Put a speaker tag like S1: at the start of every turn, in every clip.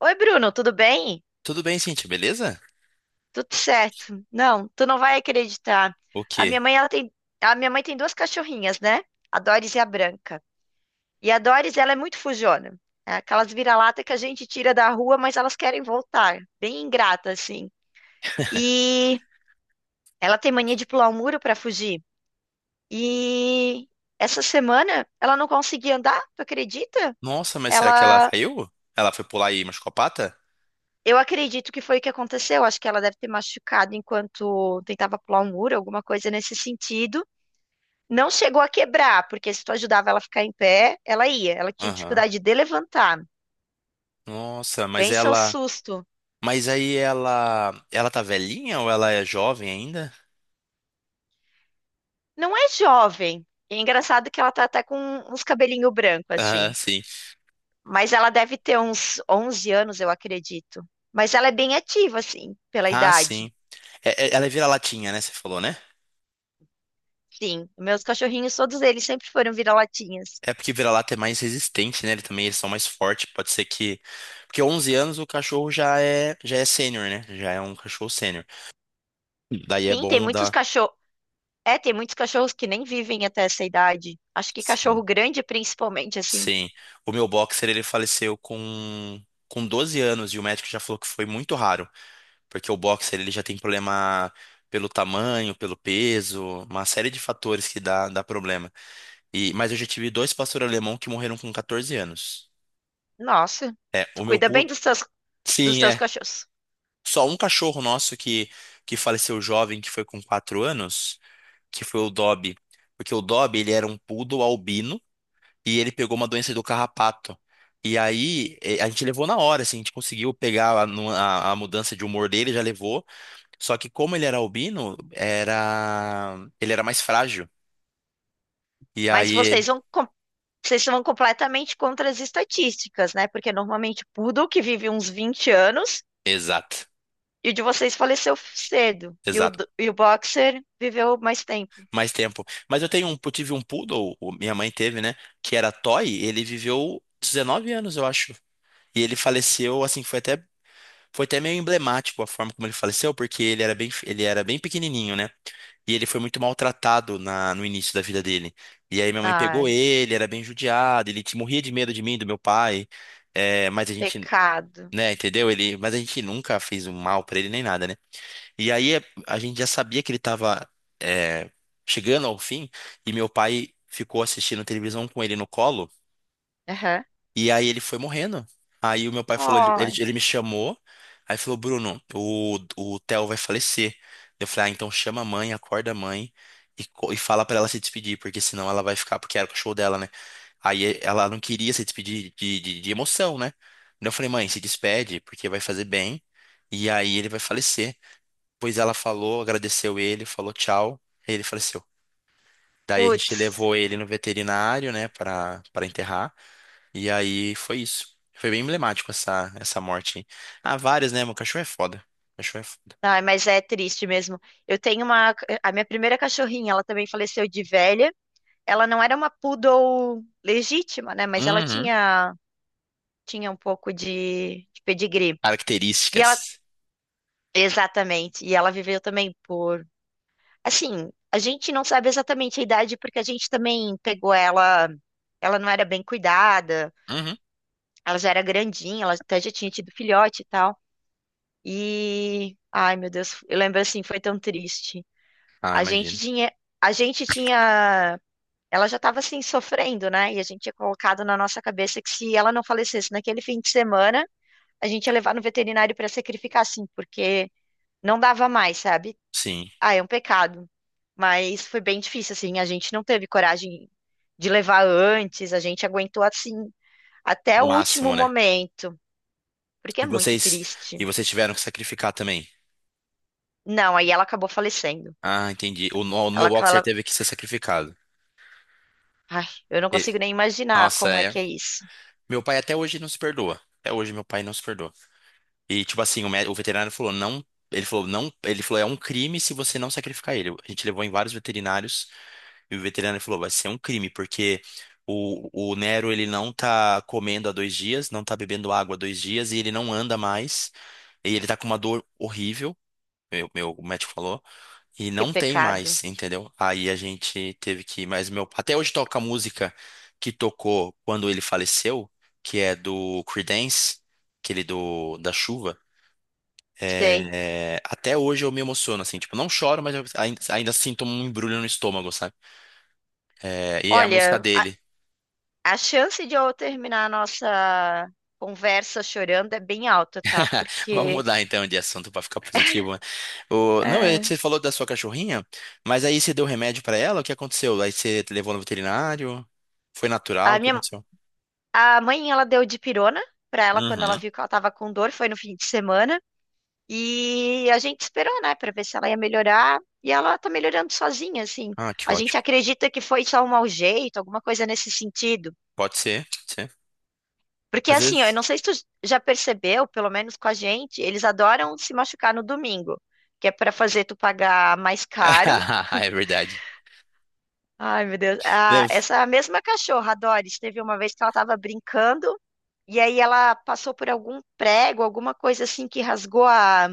S1: Oi, Bruno, tudo bem?
S2: Tudo bem, Cintia, beleza?
S1: Tudo certo. Não, tu não vai acreditar.
S2: O
S1: A
S2: quê?
S1: minha mãe, ela tem, a minha mãe tem duas cachorrinhas, né? A Doris e a Branca. E a Doris, ela é muito fujona. É aquelas vira-lata que a gente tira da rua, mas elas querem voltar. Bem ingrata, assim. E ela tem mania de pular o muro para fugir. E essa semana ela não conseguia andar, tu acredita?
S2: Nossa, mas será que ela
S1: Ela
S2: caiu? Ela foi pular e machucou a pata?
S1: Eu acredito que foi o que aconteceu. Acho que ela deve ter machucado enquanto tentava pular um muro, alguma coisa nesse sentido. Não chegou a quebrar, porque se tu ajudava ela a ficar em pé, ela ia. Ela tinha
S2: Aham.
S1: dificuldade de levantar.
S2: Nossa, mas
S1: Pensa o
S2: ela.
S1: susto.
S2: Mas aí ela. Ela tá velhinha ou ela é jovem ainda?
S1: Não é jovem. E é engraçado que ela tá até com uns cabelinho branco,
S2: Aham,
S1: assim.
S2: sim.
S1: Mas ela deve ter uns 11 anos, eu acredito. Mas ela é bem ativa, assim, pela
S2: Ah,
S1: idade.
S2: sim. Ela é vira-latinha, né? Você falou, né?
S1: Sim, meus cachorrinhos, todos eles sempre foram vira-latinhas.
S2: É porque vira-lata é mais resistente, né? Ele também eles são mais fortes. Pode ser que. Porque 11 anos o cachorro já é sênior, né? Já é um cachorro sênior. Daí é
S1: Sim, tem
S2: bom
S1: muitos
S2: dar.
S1: cachorros. É, tem muitos cachorros que nem vivem até essa idade. Acho que cachorro grande, principalmente, assim.
S2: Sim, o meu boxer ele faleceu com 12 anos e o médico já falou que foi muito raro, porque o boxer ele já tem problema pelo tamanho, pelo peso, uma série de fatores que dá problema. E mas eu já tive dois pastor alemão que morreram com 14 anos.
S1: Nossa,
S2: É,
S1: tu
S2: o meu
S1: cuida bem
S2: poodle.
S1: dos
S2: Sim,
S1: teus
S2: é.
S1: cachorros.
S2: Só um cachorro nosso que faleceu jovem, que foi com 4 anos, que foi o Dobby, porque o Dobby ele era um poodle albino e ele pegou uma doença do carrapato. E aí, a gente levou na hora, assim, a gente conseguiu pegar a mudança de humor dele, já levou. Só que como ele era albino, era ele era mais frágil. E
S1: Mas
S2: aí,
S1: vocês vão, vocês vão completamente contra as estatísticas, né? Porque normalmente o poodle que vive uns 20 anos
S2: exato,
S1: e o de vocês faleceu cedo. E
S2: exato.
S1: e o boxer viveu mais tempo.
S2: Mais tempo. Mas eu tive um poodle, minha mãe teve, né? Que era toy, ele viveu 19 anos, eu acho. E ele faleceu, assim, Foi até meio emblemático a forma como ele faleceu, porque ele era bem pequenininho, né? E ele foi muito maltratado no início da vida dele. E aí minha mãe pegou
S1: Ai,
S2: ele, era bem judiado, morria de medo de mim, do meu pai. É, mas a gente,
S1: pecado.
S2: né, entendeu? Mas a gente nunca fez um mal pra ele nem nada, né? E aí a gente já sabia que ele tava, é, chegando ao fim, e meu pai ficou assistindo televisão com ele no colo.
S1: Aham.
S2: E aí ele foi morrendo. Aí o meu pai falou, ele, ele
S1: Ai,
S2: ele me chamou, aí falou, Bruno, o Theo vai falecer. Eu falei, ah, então chama a mãe, acorda a mãe e fala pra ela se despedir, porque senão ela vai ficar, porque era o cachorro dela, né? Aí ela não queria se despedir de emoção, né? Então eu falei, mãe, se despede, porque vai fazer bem, e aí ele vai falecer. Pois ela falou, agradeceu ele, falou tchau, e ele faleceu. Daí a gente
S1: putz.
S2: levou ele no veterinário, né, para enterrar. E aí foi isso. Foi bem emblemático essa morte aí. Ah, várias, né? Meu cachorro é foda. Cachorro é foda.
S1: Ai, mas é triste mesmo. Eu tenho uma. A minha primeira cachorrinha, ela também faleceu de velha. Ela não era uma poodle legítima, né?
S2: Uhum.
S1: Tinha um pouco de pedigree. E ela.
S2: Características.
S1: Exatamente. E ela viveu também por. Assim, a gente não sabe exatamente a idade, porque a gente também pegou ela. Ela não era bem cuidada,
S2: Uhum.
S1: ela já era grandinha, ela até já tinha tido filhote e tal. E. Ai, meu Deus, eu lembro assim, foi tão triste.
S2: Ah,
S1: A gente
S2: imagino.
S1: tinha, a gente tinha, ela já estava assim sofrendo, né? E a gente tinha colocado na nossa cabeça que se ela não falecesse naquele fim de semana, a gente ia levar no veterinário para sacrificar, assim, porque não dava mais, sabe?
S2: Sim.
S1: Ah, é um pecado. Mas foi bem difícil, assim. A gente não teve coragem de levar antes, a gente aguentou assim até
S2: O
S1: o último
S2: máximo, né?
S1: momento, porque
S2: E
S1: é muito
S2: vocês, e
S1: triste.
S2: vocês tiveram que sacrificar também.
S1: Não, aí ela acabou falecendo.
S2: Ah, entendi. O, no- o meu
S1: Ela,
S2: boxer
S1: ela,
S2: teve que ser sacrificado.
S1: ai, eu não
S2: E-
S1: consigo nem imaginar
S2: Nossa,
S1: como é
S2: é.
S1: que é isso.
S2: Meu pai até hoje não se perdoa. Até hoje meu pai não se perdoa. E tipo assim, o veterinário falou, não. Ele falou, não. Ele falou, é um crime se você não sacrificar ele. A gente levou em vários veterinários. E o veterinário falou, vai ser um crime, porque o Nero, ele não tá comendo há 2 dias, não tá bebendo água há 2 dias, e ele não anda mais, e ele tá com uma dor horrível, meu médico falou, e
S1: Que
S2: não tem
S1: pecado.
S2: mais, entendeu? Aí a gente teve que, mas meu, até hoje toca a música que tocou quando ele faleceu, que é do Creedence, aquele do, da chuva,
S1: Sei.
S2: é, até hoje eu me emociono, assim, tipo, não choro, mas eu ainda sinto um embrulho no estômago, sabe? É, e é a música
S1: Olha,
S2: dele.
S1: a chance de eu terminar a nossa conversa chorando é bem alta, tá?
S2: Vamos mudar então de assunto para ficar positivo, né? Não, é que
S1: É,
S2: você falou da sua cachorrinha, mas aí você deu remédio para ela? O que aconteceu? Aí você levou no veterinário? Foi natural?
S1: a
S2: O que
S1: minha
S2: aconteceu?
S1: a mãe ela deu dipirona pra ela quando ela
S2: Uhum.
S1: viu que ela tava com dor, foi no fim de semana. E a gente esperou, né, pra ver se ela ia melhorar, e ela tá melhorando sozinha, assim.
S2: Ah, que
S1: A gente
S2: ótimo.
S1: acredita que foi só um mau jeito, alguma coisa nesse sentido.
S2: Pode ser, pode ser.
S1: Porque
S2: Às
S1: assim, ó, eu
S2: vezes.
S1: não sei se tu já percebeu, pelo menos com a gente, eles adoram se machucar no domingo, que é para fazer tu pagar mais caro.
S2: É verdade.
S1: Ai, meu Deus. Ah,
S2: Deve-
S1: essa mesma cachorra, a Doris, teve uma vez que ela tava brincando e aí ela passou por algum prego, alguma coisa assim que rasgou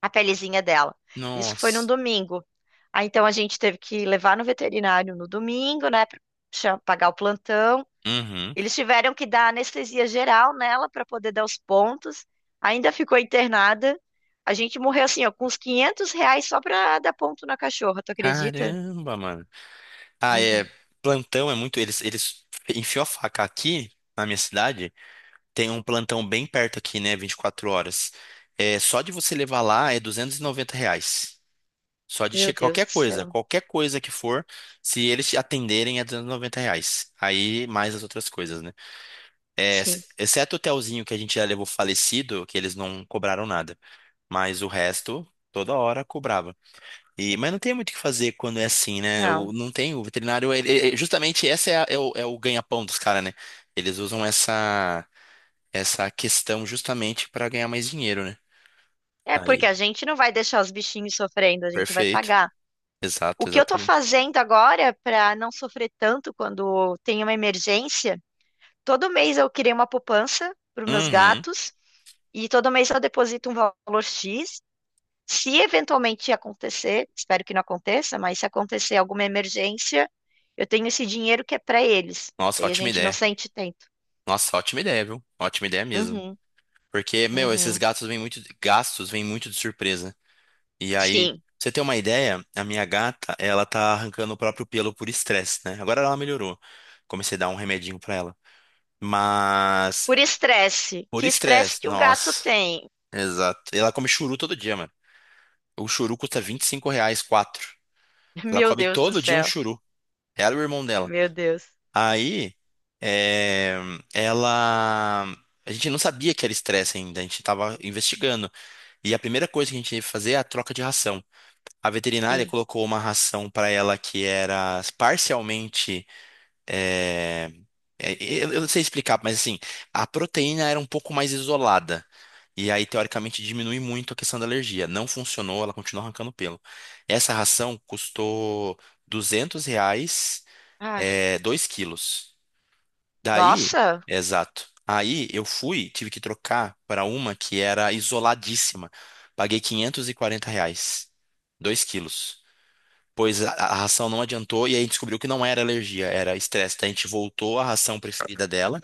S1: a pelezinha dela. Isso foi num
S2: Nossa.
S1: domingo. Ah, então a gente teve que levar no veterinário no domingo, né, pra pagar o plantão.
S2: Uhum.
S1: Eles tiveram que dar anestesia geral nela para poder dar os pontos. Ainda ficou internada. A gente morreu assim, ó, com uns 500 reais só para dar ponto na cachorra, tu acredita?
S2: Caramba, mano. Ah, é.
S1: Uhum.
S2: Plantão é muito. Eles enfiou a faca aqui na minha cidade. Tem um plantão bem perto aqui, né? 24 horas. É, só de você levar lá é R$ 290. Só de
S1: Meu
S2: checar
S1: Deus do céu.
S2: qualquer coisa que for, se eles te atenderem é R$ 290. Aí mais as outras coisas, né? É,
S1: Sim,
S2: exceto o hotelzinho que a gente já levou falecido, que eles não cobraram nada. Mas o resto, toda hora cobrava. Mas não tem muito o que fazer quando é assim, né? O,
S1: não.
S2: não tem, O veterinário, justamente é o ganha-pão dos caras, né? Eles usam essa questão justamente para ganhar mais dinheiro, né?
S1: É porque
S2: Aí,
S1: a gente não vai deixar os bichinhos sofrendo, a gente vai
S2: perfeito.
S1: pagar. O
S2: Exato,
S1: que eu tô
S2: exatamente.
S1: fazendo agora para não sofrer tanto quando tem uma emergência, todo mês eu criei uma poupança para os meus
S2: Uhum.
S1: gatos e todo mês eu deposito um valor X. Se eventualmente acontecer, espero que não aconteça, mas se acontecer alguma emergência, eu tenho esse dinheiro que é para eles.
S2: Nossa,
S1: Daí a
S2: ótima
S1: gente não
S2: ideia.
S1: sente tanto.
S2: Nossa, ótima ideia, viu? Ótima ideia mesmo.
S1: Uhum,
S2: Porque, meu, esses
S1: uhum.
S2: gatos vêm muito, gastos vêm muito de surpresa. E aí, pra
S1: Sim,
S2: você ter uma ideia, a minha gata, ela tá arrancando o próprio pelo por estresse, né? Agora ela melhorou. Comecei a dar um remedinho pra ela. Mas,
S1: por estresse.
S2: por
S1: Que estresse
S2: estresse,
S1: que um gato
S2: nossa.
S1: tem?
S2: Exato. Ela come churu todo dia, mano. O churu custa R$ 25, quatro. Ela
S1: Meu
S2: come
S1: Deus do
S2: todo dia um
S1: céu.
S2: churu. Ela e o irmão dela.
S1: Meu Deus.
S2: Aí, é, ela. A gente não sabia que era estresse ainda, a gente estava investigando. E a primeira coisa que a gente teve que fazer é a troca de ração. A veterinária
S1: Sim.
S2: colocou uma ração para ela que era parcialmente. é, eu não sei explicar, mas assim, a proteína era um pouco mais isolada. E aí, teoricamente, diminui muito a questão da alergia. Não funcionou, ela continua arrancando pelo. Essa ração custou R$ 200,
S1: Ai,
S2: é, 2 quilos. Daí,
S1: nossa,
S2: exato. Aí eu fui, tive que trocar para uma que era isoladíssima. Paguei R$ 540, 2 quilos. Pois a ração não adiantou e aí a gente descobriu que não era alergia, era estresse. Daí a gente voltou à ração preferida dela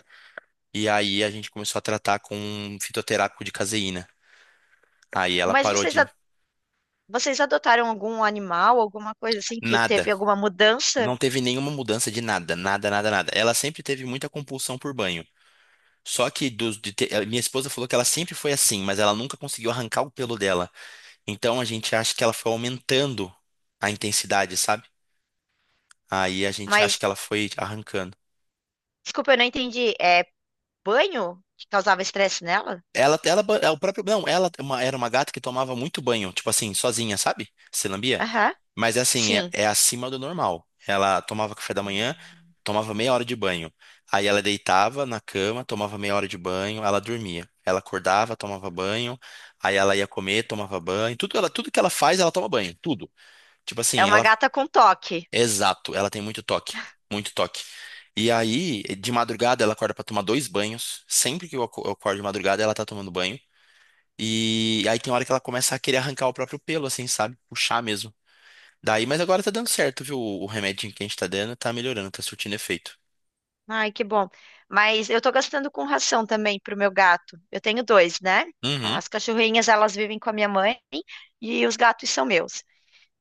S2: e aí a gente começou a tratar com um fitoterápico de caseína. Aí ela
S1: mas
S2: parou
S1: vocês,
S2: de
S1: vocês adotaram algum animal, alguma coisa assim que
S2: nada.
S1: teve alguma mudança?
S2: Não teve nenhuma mudança de nada, nada, nada, nada. Ela sempre teve muita compulsão por banho. Só que minha esposa falou que ela sempre foi assim, mas ela nunca conseguiu arrancar o pelo dela. Então a gente acha que ela foi aumentando a intensidade, sabe? Aí a gente acha que
S1: Mas,
S2: ela foi arrancando.
S1: desculpa, eu não entendi. É banho que causava estresse nela?
S2: É o próprio, não, ela é era uma gata que tomava muito banho, tipo assim, sozinha, sabe? Se lambia.
S1: Aham.
S2: Mas é assim, é,
S1: Sim.
S2: é acima do normal. Ela tomava café da manhã, tomava meia hora de banho. Aí ela deitava na cama, tomava meia hora de banho, ela dormia. Ela acordava, tomava banho, aí ela ia comer, tomava banho. Tudo, ela, tudo que ela faz, ela toma banho, tudo. Tipo
S1: É
S2: assim,
S1: uma
S2: ela,
S1: gata com toque.
S2: exato, ela tem muito toque, muito toque. E aí, de madrugada, ela acorda pra tomar dois banhos. Sempre que eu acordo de madrugada, ela tá tomando banho. E aí tem hora que ela começa a querer arrancar o próprio pelo, assim, sabe? Puxar mesmo. Daí, mas agora tá dando certo, viu? O remedinho que a gente tá dando tá melhorando, tá surtindo efeito.
S1: Ai, que bom. Mas eu tô gastando com ração também pro meu gato. Eu tenho dois, né?
S2: Uhum, é
S1: As cachorrinhas, elas vivem com a minha mãe e os gatos são meus.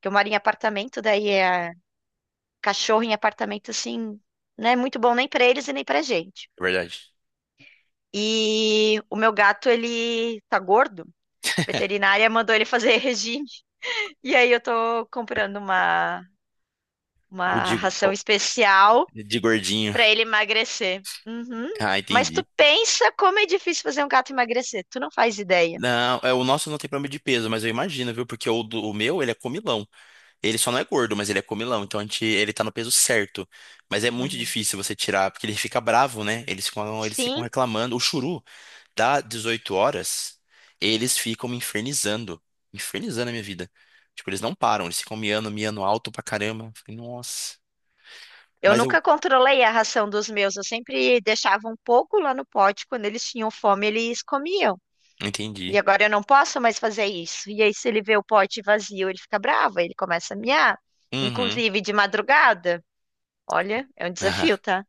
S1: Que eu moro em apartamento, daí é cachorro em apartamento assim, não é muito bom nem pra eles e nem pra gente.
S2: verdade.
S1: E o meu gato, ele tá gordo. A veterinária mandou ele fazer regime. E aí eu tô comprando
S2: O
S1: uma
S2: de, o
S1: ração especial
S2: de gordinho.
S1: pra ele emagrecer. Uhum.
S2: Ah,
S1: Mas tu
S2: entendi.
S1: pensa como é difícil fazer um gato emagrecer. Tu não faz ideia.
S2: Não, é, o nosso não tem problema de peso, mas eu imagino, viu? Porque o meu, ele é comilão. Ele só não é gordo, mas ele é comilão. Então a gente, ele tá no peso certo. Mas é muito
S1: Uhum.
S2: difícil você tirar, porque ele fica bravo, né? Eles ficam
S1: Sim,
S2: reclamando. O churu, dá 18h, eles ficam me infernizando. Infernizando a minha vida. Tipo, eles não param, eles ficam miando, miando alto pra caramba. Eu falei, nossa.
S1: eu
S2: Mas eu
S1: nunca controlei a ração dos meus. Eu sempre deixava um pouco lá no pote. Quando eles tinham fome, eles comiam. E
S2: entendi.
S1: agora eu não posso mais fazer isso. E aí, se ele vê o pote vazio, ele fica bravo, ele começa a miar.
S2: Uhum.
S1: Inclusive de madrugada. Olha, é um desafio, tá?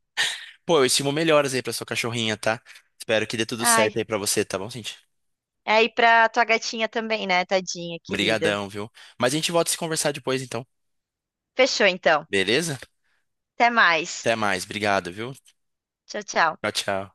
S2: Pô, eu estimo melhoras aí pra sua cachorrinha, tá? Espero que dê tudo
S1: Ai,
S2: certo aí pra você, tá bom, gente?
S1: é aí pra tua gatinha também, né, tadinha, querida?
S2: Obrigadão, viu? Mas a gente volta a se conversar depois, então.
S1: Fechou então.
S2: Beleza?
S1: Até mais.
S2: Até mais, obrigado, viu?
S1: Tchau, tchau.
S2: Tchau, tchau.